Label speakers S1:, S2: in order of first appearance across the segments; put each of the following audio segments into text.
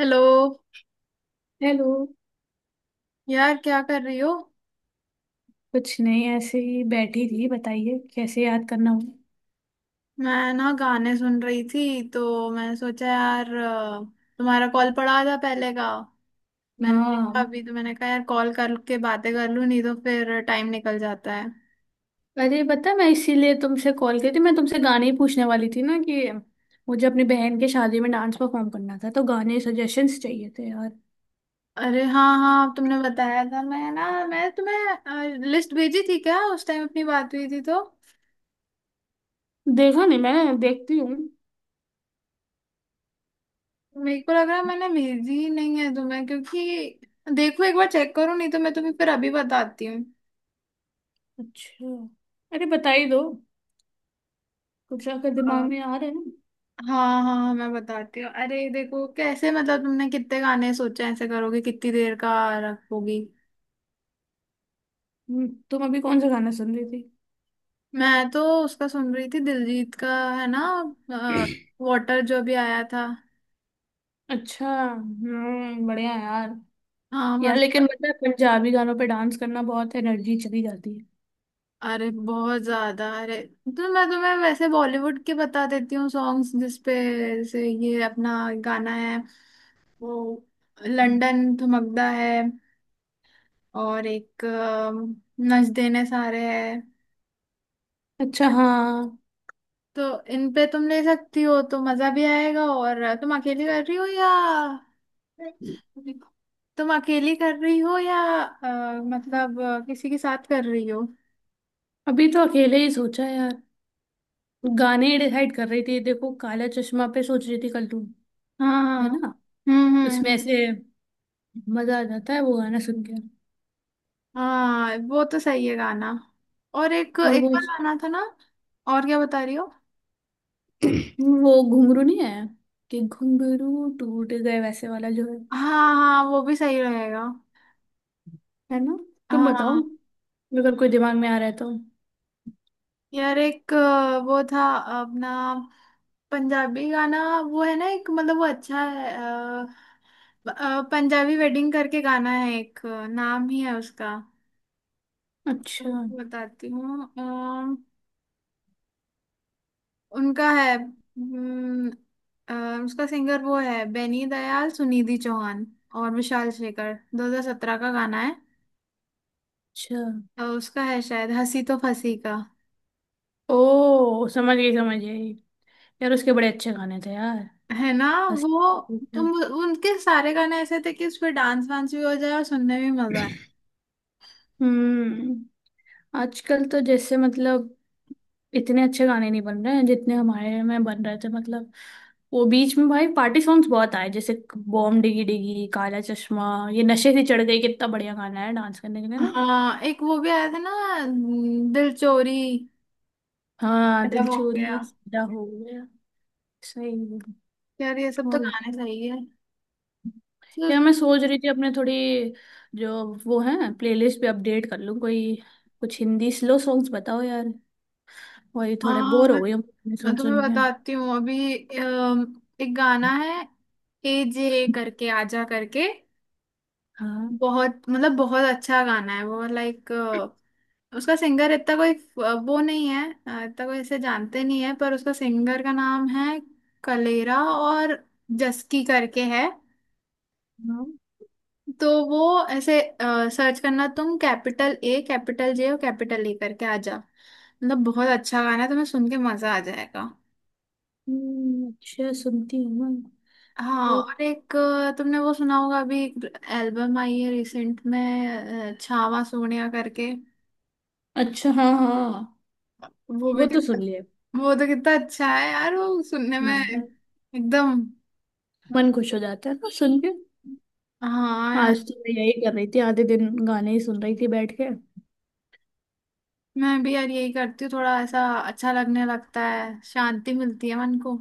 S1: Hello.
S2: Hello.
S1: यार, क्या कर रही हो?
S2: कुछ नहीं, ऐसे ही बैठी थी, बताइए कैसे याद करना हुआ।
S1: मैं ना गाने सुन रही थी, तो मैंने सोचा यार तुम्हारा कॉल पड़ा था पहले का। मैंने देखा
S2: हाँ,
S1: अभी, तो मैंने कहा यार कॉल करके बातें कर लूँ, नहीं तो फिर टाइम निकल जाता है।
S2: अरे पता, मैं इसीलिए तुमसे कॉल की थी। मैं तुमसे गाने ही पूछने वाली थी ना कि मुझे अपनी बहन के शादी में डांस परफॉर्म करना था, तो गाने सजेशंस चाहिए थे यार।
S1: अरे हाँ हाँ, तुमने बताया था। मैं ना, मैं तुम्हें लिस्ट भेजी थी क्या उस टाइम, अपनी बात हुई थी तो?
S2: देखा नहीं, मैंने देखती हूँ।
S1: मेरे को लग रहा है मैंने भेजी ही नहीं है तुम्हें, क्योंकि देखो एक बार चेक करो, नहीं तो मैं तुम्हें फिर अभी बताती हूँ।
S2: अच्छा, अरे बता ही दो, कुछ अगर दिमाग में आ रहा है ना।
S1: हाँ हाँ हाँ, मैं बताती हूँ। अरे देखो, कैसे मतलब तुमने कितने गाने सोचे हैं, ऐसे करोगे? कितनी देर का रखोगी?
S2: तुम अभी कौन सा गाना सुन रही
S1: मैं तो उसका सुन रही थी, दिलजीत का है ना,
S2: थी?
S1: वाटर जो भी आया था।
S2: अच्छा। हम्म, बढ़िया यार।
S1: हाँ,
S2: यार लेकिन
S1: मजा।
S2: मतलब पंजाबी गानों पे डांस करना, बहुत एनर्जी चली जाती
S1: अरे बहुत ज्यादा, अरे। तो मैं तुम्हें वैसे बॉलीवुड के बता देती हूँ सॉन्ग्स जिसपे। जैसे ये अपना गाना है वो,
S2: है।
S1: लंदन थमकदा है। और एक नच देने सारे है।
S2: अच्छा हाँ,
S1: तो इन पे तुम ले सकती हो, तो मजा भी आएगा। और तुम अकेली कर रही हो या तुम अकेली कर रही हो या मतलब किसी के साथ कर रही हो?
S2: अभी तो अकेले ही सोचा यार। गाने डिसाइड कर रही थी, देखो काला चश्मा पे सोच रही थी कल तू।
S1: हाँ
S2: है
S1: हाँ।
S2: ना? उसमें
S1: हम्म।
S2: ऐसे मजा आ जाता है वो गाना सुन के।
S1: हाँ वो तो सही है गाना। और एक
S2: और वो
S1: एक और गाना था ना? और क्या बता रही हो?
S2: वो घुंघरू नहीं है, कि घुंघरू टूट गए वैसे वाला जो है।
S1: हाँ हाँ वो भी सही रहेगा।
S2: है ना? तुम बताओ,
S1: हाँ
S2: अगर कोई दिमाग में आ रहा है तो।
S1: यार, एक वो था अपना पंजाबी गाना, वो है ना एक मतलब, वो अच्छा है। पंजाबी वेडिंग करके गाना है एक, नाम ही है उसका।
S2: अच्छा।
S1: आपको बताती हूँ। उनका है। उसका सिंगर वो है, बेनी दयाल, सुनिधि चौहान और विशाल शेखर। 2017 का गाना है।
S2: अच्छा,
S1: उसका है शायद हंसी तो फंसी का।
S2: ओ समझ गई, समझ गई। यार उसके बड़े अच्छे गाने थे यार।
S1: है ना
S2: हंसी-
S1: वो?
S2: आती
S1: तुम,
S2: थी।
S1: उनके सारे गाने ऐसे थे कि उस पे डांस वांस भी हो जाए और सुनने में भी मजा।
S2: हम्म, आजकल तो जैसे मतलब इतने अच्छे गाने नहीं बन रहे हैं, जितने हमारे में बन रहे थे मतलब। वो बीच में भाई पार्टी सॉन्ग्स बहुत आए, जैसे बॉम डिगी डिगी, काला चश्मा, ये नशे से चढ़ गई। कितना बढ़िया गाना है डांस करने के लिए ना।
S1: हाँ, एक वो भी आया था ना, दिल चोरी,
S2: हाँ
S1: अदा
S2: दिल
S1: हो गया।
S2: चोरी सदा हो गया। सही है।
S1: यार ये सब तो
S2: और बता-
S1: गाने सही है तो।
S2: यार मैं सोच रही थी अपने थोड़ी जो वो है प्लेलिस्ट पे अपडेट कर लूँ कोई। कुछ हिंदी स्लो सॉन्ग्स बताओ यार, वही थोड़े
S1: हाँ
S2: बोर
S1: मैं
S2: हो गई हूँ
S1: मैं
S2: सुन
S1: तुम्हें
S2: सुन के।
S1: बताती हूँ अभी। एक गाना है, ए जे करके, आजा करके,
S2: हाँ।
S1: बहुत मतलब बहुत अच्छा गाना है वो, लाइक। उसका सिंगर इतना कोई वो नहीं है, इतना कोई इसे जानते नहीं है, पर उसका सिंगर का नाम है कलेरा और जस्की करके है।
S2: हाँ।
S1: तो वो ऐसे सर्च करना तुम, कैपिटल ए कैपिटल जे और कैपिटल ए करके, आ जा। मतलब बहुत अच्छा गाना है, तुम्हें सुन के मजा आ जाएगा।
S2: अच्छा सुनती हूँ मैं।
S1: हाँ, और एक तुमने वो सुना होगा अभी एल्बम आई है रिसेंट में, छावा सोनिया करके।
S2: अच्छा हाँ, हाँ हाँ।
S1: वो
S2: वो
S1: भी
S2: तो
S1: कितना,
S2: सुन लिया।
S1: वो तो कितना अच्छा है यार, वो सुनने में
S2: हाँ यार,
S1: एकदम।
S2: मन खुश हो जाता है ना सुन के।
S1: हाँ यार।
S2: आज तो मैं यही कर रही थी, आधे दिन गाने ही सुन रही थी बैठ के।
S1: मैं भी यार यही करती हूँ, थोड़ा ऐसा अच्छा लगने लगता है, शांति मिलती है मन को।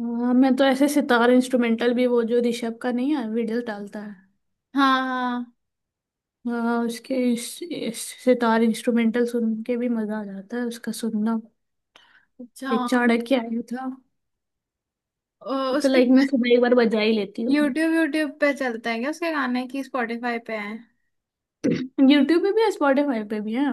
S2: हाँ मैं तो ऐसे सितार इंस्ट्रूमेंटल भी, वो जो ऋषभ का नहीं है वीडियो डालता है।
S1: हाँ हाँ।
S2: हाँ उसके इस सितार इंस्ट्रूमेंटल सुन के भी मजा आ जाता है, उसका सुनना।
S1: अच्छा।
S2: एक चाणक्य आया था।
S1: ओ,
S2: वो तो
S1: उसके
S2: लाइक मैं सुबह एक बार बजा ही लेती हूँ।
S1: यूट्यूब यूट्यूब पे चलते हैं क्या उसके गाने? की स्पॉटिफाई पे हैं?
S2: यूट्यूब पे भी है, स्पॉटिफाई पे भी है।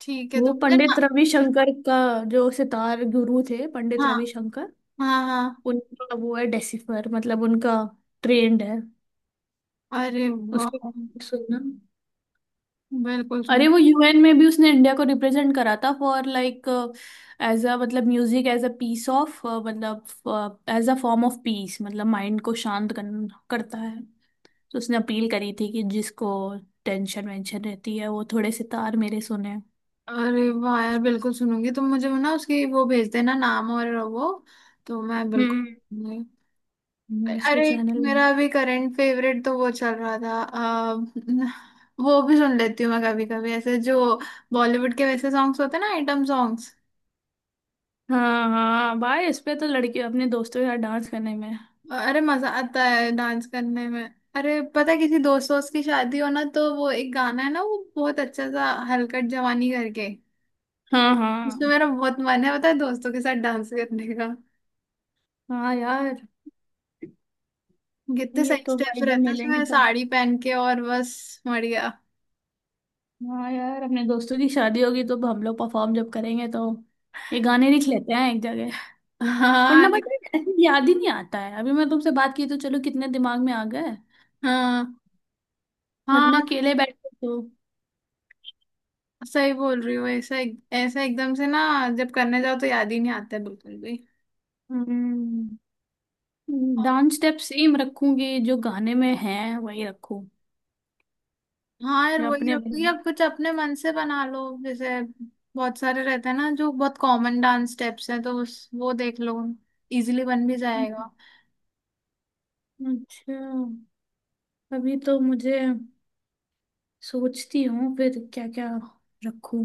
S1: ठीक है, तो
S2: वो
S1: मुझे ना।
S2: पंडित रविशंकर का, जो सितार गुरु थे पंडित
S1: हाँ
S2: रविशंकर,
S1: हाँ हाँ।
S2: उनका वो है डेसिफर, मतलब उनका ट्रेंड है।
S1: अरे
S2: उसके
S1: वाह,
S2: सुनना,
S1: बिल्कुल
S2: अरे
S1: सुन।
S2: वो यूएन में भी उसने इंडिया को रिप्रेजेंट करा था फॉर लाइक एज अ, मतलब music as a piece of, मतलब as a form of peace, मतलब माइंड को करता है। तो उसने अपील करी थी कि जिसको टेंशन वेंशन रहती है वो थोड़े सितार मेरे सुने।
S1: अरे वाह यार, बिल्कुल सुनूंगी। तुम मुझे वो ना, उसकी वो भेज देना नाम और वो, तो मैं बिल्कुल
S2: हम्म।
S1: सुनूंगी।
S2: उसके
S1: अरे,
S2: चैनल में।
S1: मेरा अभी करंट फेवरेट तो वो चल रहा था। वो भी सुन लेती हूँ मैं कभी कभी, ऐसे जो बॉलीवुड के वैसे सॉन्ग्स होते हैं ना, आइटम सॉन्ग्स।
S2: हाँ हाँ, भाई इस पे तो लड़की अपने दोस्तों के साथ डांस करने में।
S1: अरे मजा आता है डांस करने में। अरे पता है, किसी दोस्त दोस्त की शादी हो ना, तो वो एक गाना है ना, वो बहुत अच्छा सा, हलकट जवानी करके।
S2: हाँ
S1: उसमें
S2: हाँ
S1: मेरा बहुत मन है पता है, दोस्तों के साथ डांस करने का।
S2: हाँ, यार
S1: कितने
S2: ये
S1: सही
S2: तो
S1: स्टेप्स
S2: भाई जब
S1: रहते हैं
S2: मिलेंगे
S1: उसमें,
S2: तो।
S1: साड़ी पहन के, और बस मर गया।
S2: हाँ यार, अपने दोस्तों की शादी होगी तो हम लोग परफॉर्म जब करेंगे तो ये गाने लिख लेते हैं एक जगह,
S1: हाँ
S2: वरना बट
S1: नहीं-
S2: ऐसे याद ही नहीं आता है। अभी मैं तुमसे बात की तो चलो, कितने दिमाग में आ गए,
S1: हाँ
S2: वरना
S1: हाँ।
S2: अकेले बैठे तो।
S1: सही बोल रही हो। ऐसा ऐसा एकदम से ना, जब करने जाओ तो याद ही नहीं आता है बिल्कुल भी।
S2: हम्म, डांस स्टेप सेम रखूंगी, जो गाने में है वही रखूं
S1: हाँ यार,
S2: जो
S1: वही
S2: अपने।
S1: रखती है। अब कुछ अपने मन से बना लो जैसे, बहुत सारे रहते हैं ना जो बहुत कॉमन डांस स्टेप्स हैं, तो उस वो देख लो, इजीली बन भी जाएगा।
S2: अच्छा, अभी तो मुझे सोचती हूँ फिर क्या क्या रखूं।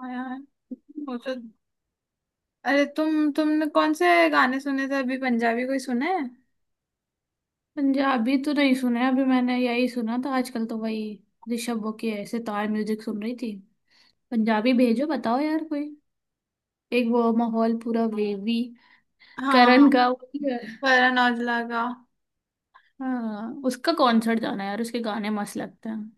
S1: हाँ यार, वो तो। अरे तुमने कौन से गाने सुने थे अभी? पंजाबी कोई सुना है?
S2: पंजाबी तो नहीं सुना है अभी मैंने, यही सुना था आजकल तो, वही ऋषभ वो के सितार म्यूजिक सुन रही थी। पंजाबी भेजो, बताओ यार कोई। एक वो माहौल पूरा वेवी
S1: हाँ,
S2: करण का वो भी है।
S1: करण औजला का।
S2: हाँ उसका कॉन्सर्ट जाना है यार, उसके गाने मस्त लगते हैं।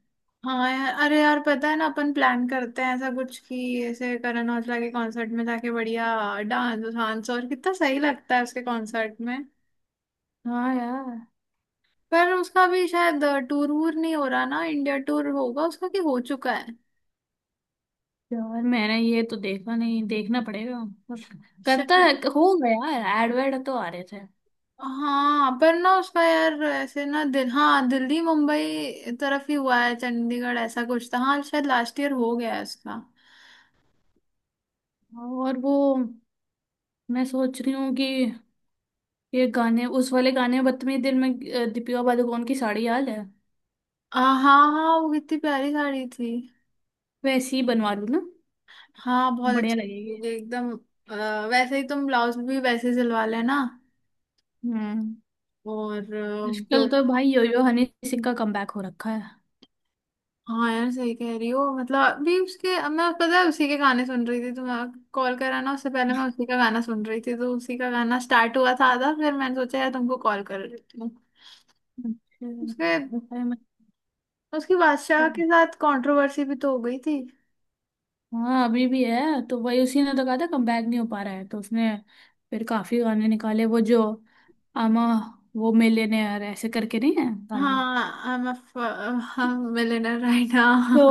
S1: हाँ यार। अरे यार पता है ना, अपन प्लान करते हैं ऐसा कुछ कि ऐसे करण औजला के कॉन्सर्ट में जाके बढ़िया डांस वांस, और कितना सही लगता है उसके कॉन्सर्ट में।
S2: हाँ यार,
S1: पर उसका भी शायद टूर वूर नहीं हो रहा ना? इंडिया टूर होगा उसका, कि हो चुका है
S2: यार मैंने ये तो देखा नहीं, देखना पड़ेगा। पर करता
S1: शायद?
S2: है हो गया यार, एड वेड तो आ रहे थे।
S1: हाँ पर ना, उसका यार ऐसे ना, दिल हाँ, दिल्ली मुंबई तरफ ही हुआ है, चंडीगढ़ ऐसा कुछ था। हाँ शायद लास्ट ईयर हो गया है उसका।
S2: और वो, मैं सोच रही हूँ कि ये गाने उस वाले गाने बदतमीज दिल में दीपिका पादुकोण की साड़ी याद है?
S1: हाँ हाँ, वो कितनी प्यारी साड़ी थी।
S2: वैसे ही बनवा लूँ ना,
S1: हाँ बहुत
S2: बढ़िया
S1: अच्छी
S2: लगेगी।
S1: होगी एकदम। वैसे ही तुम ब्लाउज भी वैसे सिलवा लेना।
S2: हम्म,
S1: और जो,
S2: आजकल तो भाई योयो हनी सिंह का कमबैक हो रखा है।
S1: हाँ यार सही कह रही हो। मतलब अभी उसके, अब मैं पता है उसी के गाने सुन रही थी तो मैं कॉल करा ना। उससे पहले मैं उसी का गाना सुन रही थी, तो उसी का गाना स्टार्ट हुआ था आधा, फिर मैंने सोचा यार तुमको कॉल कर लेती हूँ।
S2: अच्छा।
S1: उसके,
S2: अरे
S1: उसकी बादशाह
S2: मतलब,
S1: के साथ कंट्रोवर्सी भी तो हो गई थी।
S2: हाँ अभी भी है। तो वही उसी ने तो कहा था कमबैक नहीं हो पा रहा है, तो उसने फिर काफी गाने निकाले वो जो आमा, वो मिलियनेयर ऐसे करके नहीं है गाना?
S1: हाँ, I am a millionaire, right ना?
S2: तो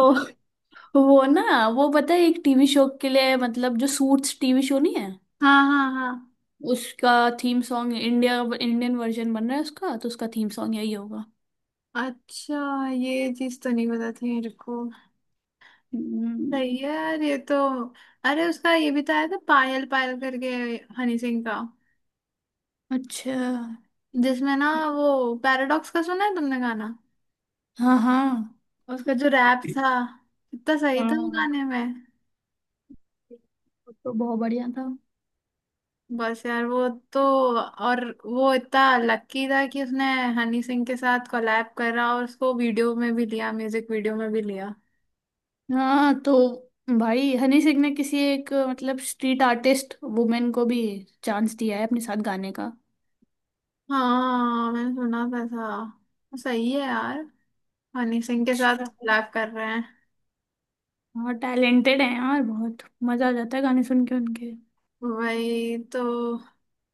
S2: वो ना वो पता है एक टीवी शो के लिए, मतलब जो सूट्स टीवी शो नहीं है,
S1: हाँ हाँ हाँ।
S2: उसका theme song India, Indian version बन रहा है उसका, तो उसका थीम सॉन्ग यही होगा।
S1: अच्छा, ये चीज तो नहीं पता थी मेरे को।
S2: हम्म।
S1: सही है यार ये तो। अरे, उसका ये भी तो आया था, पायल पायल करके, हनी सिंह का।
S2: अच्छा
S1: जिसमें ना वो पैराडॉक्स का, सुना है तुमने गाना?
S2: हाँ, हाँ
S1: उसका जो रैप था, इतना सही था वो
S2: हाँ।
S1: गाने में।
S2: वो तो बहुत बढ़िया था।
S1: बस यार वो तो, और वो इतना लकी था कि उसने हनी सिंह के साथ कोलैब करा, और उसको वीडियो में भी लिया, म्यूजिक वीडियो में भी लिया।
S2: हाँ तो भाई हनी सिंह ने किसी एक मतलब स्ट्रीट आर्टिस्ट वुमेन को भी चांस दिया है अपने साथ गाने का।
S1: हाँ मैंने सुना था। सही है यार, हनी सिंह के साथ
S2: अच्छा।
S1: कोलैब कर रहे हैं।
S2: हाँ टैलेंटेड है यार, बहुत मजा आ जाता है गाने सुन के उनके।
S1: वही तो।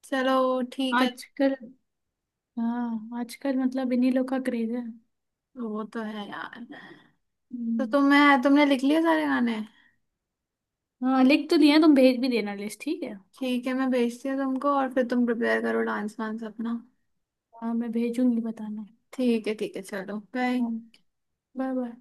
S1: चलो ठीक है।
S2: आजकल, हाँ आजकल मतलब इन्हीं लोग का क्रेज है।
S1: वो तो है यार। तो
S2: हम्म,
S1: तुम्हें तुमने लिख लिए सारे गाने?
S2: हाँ लिख तो लिया, तुम भेज भी देना लिस्ट ठीक है।
S1: ठीक है, मैं भेजती हूँ तुमको, और फिर तुम प्रिपेयर करो डांस वांस अपना।
S2: हाँ मैं भेजूंगी बताना।
S1: ठीक है ठीक है, चलो बाय।
S2: हाँ, बाय बाय।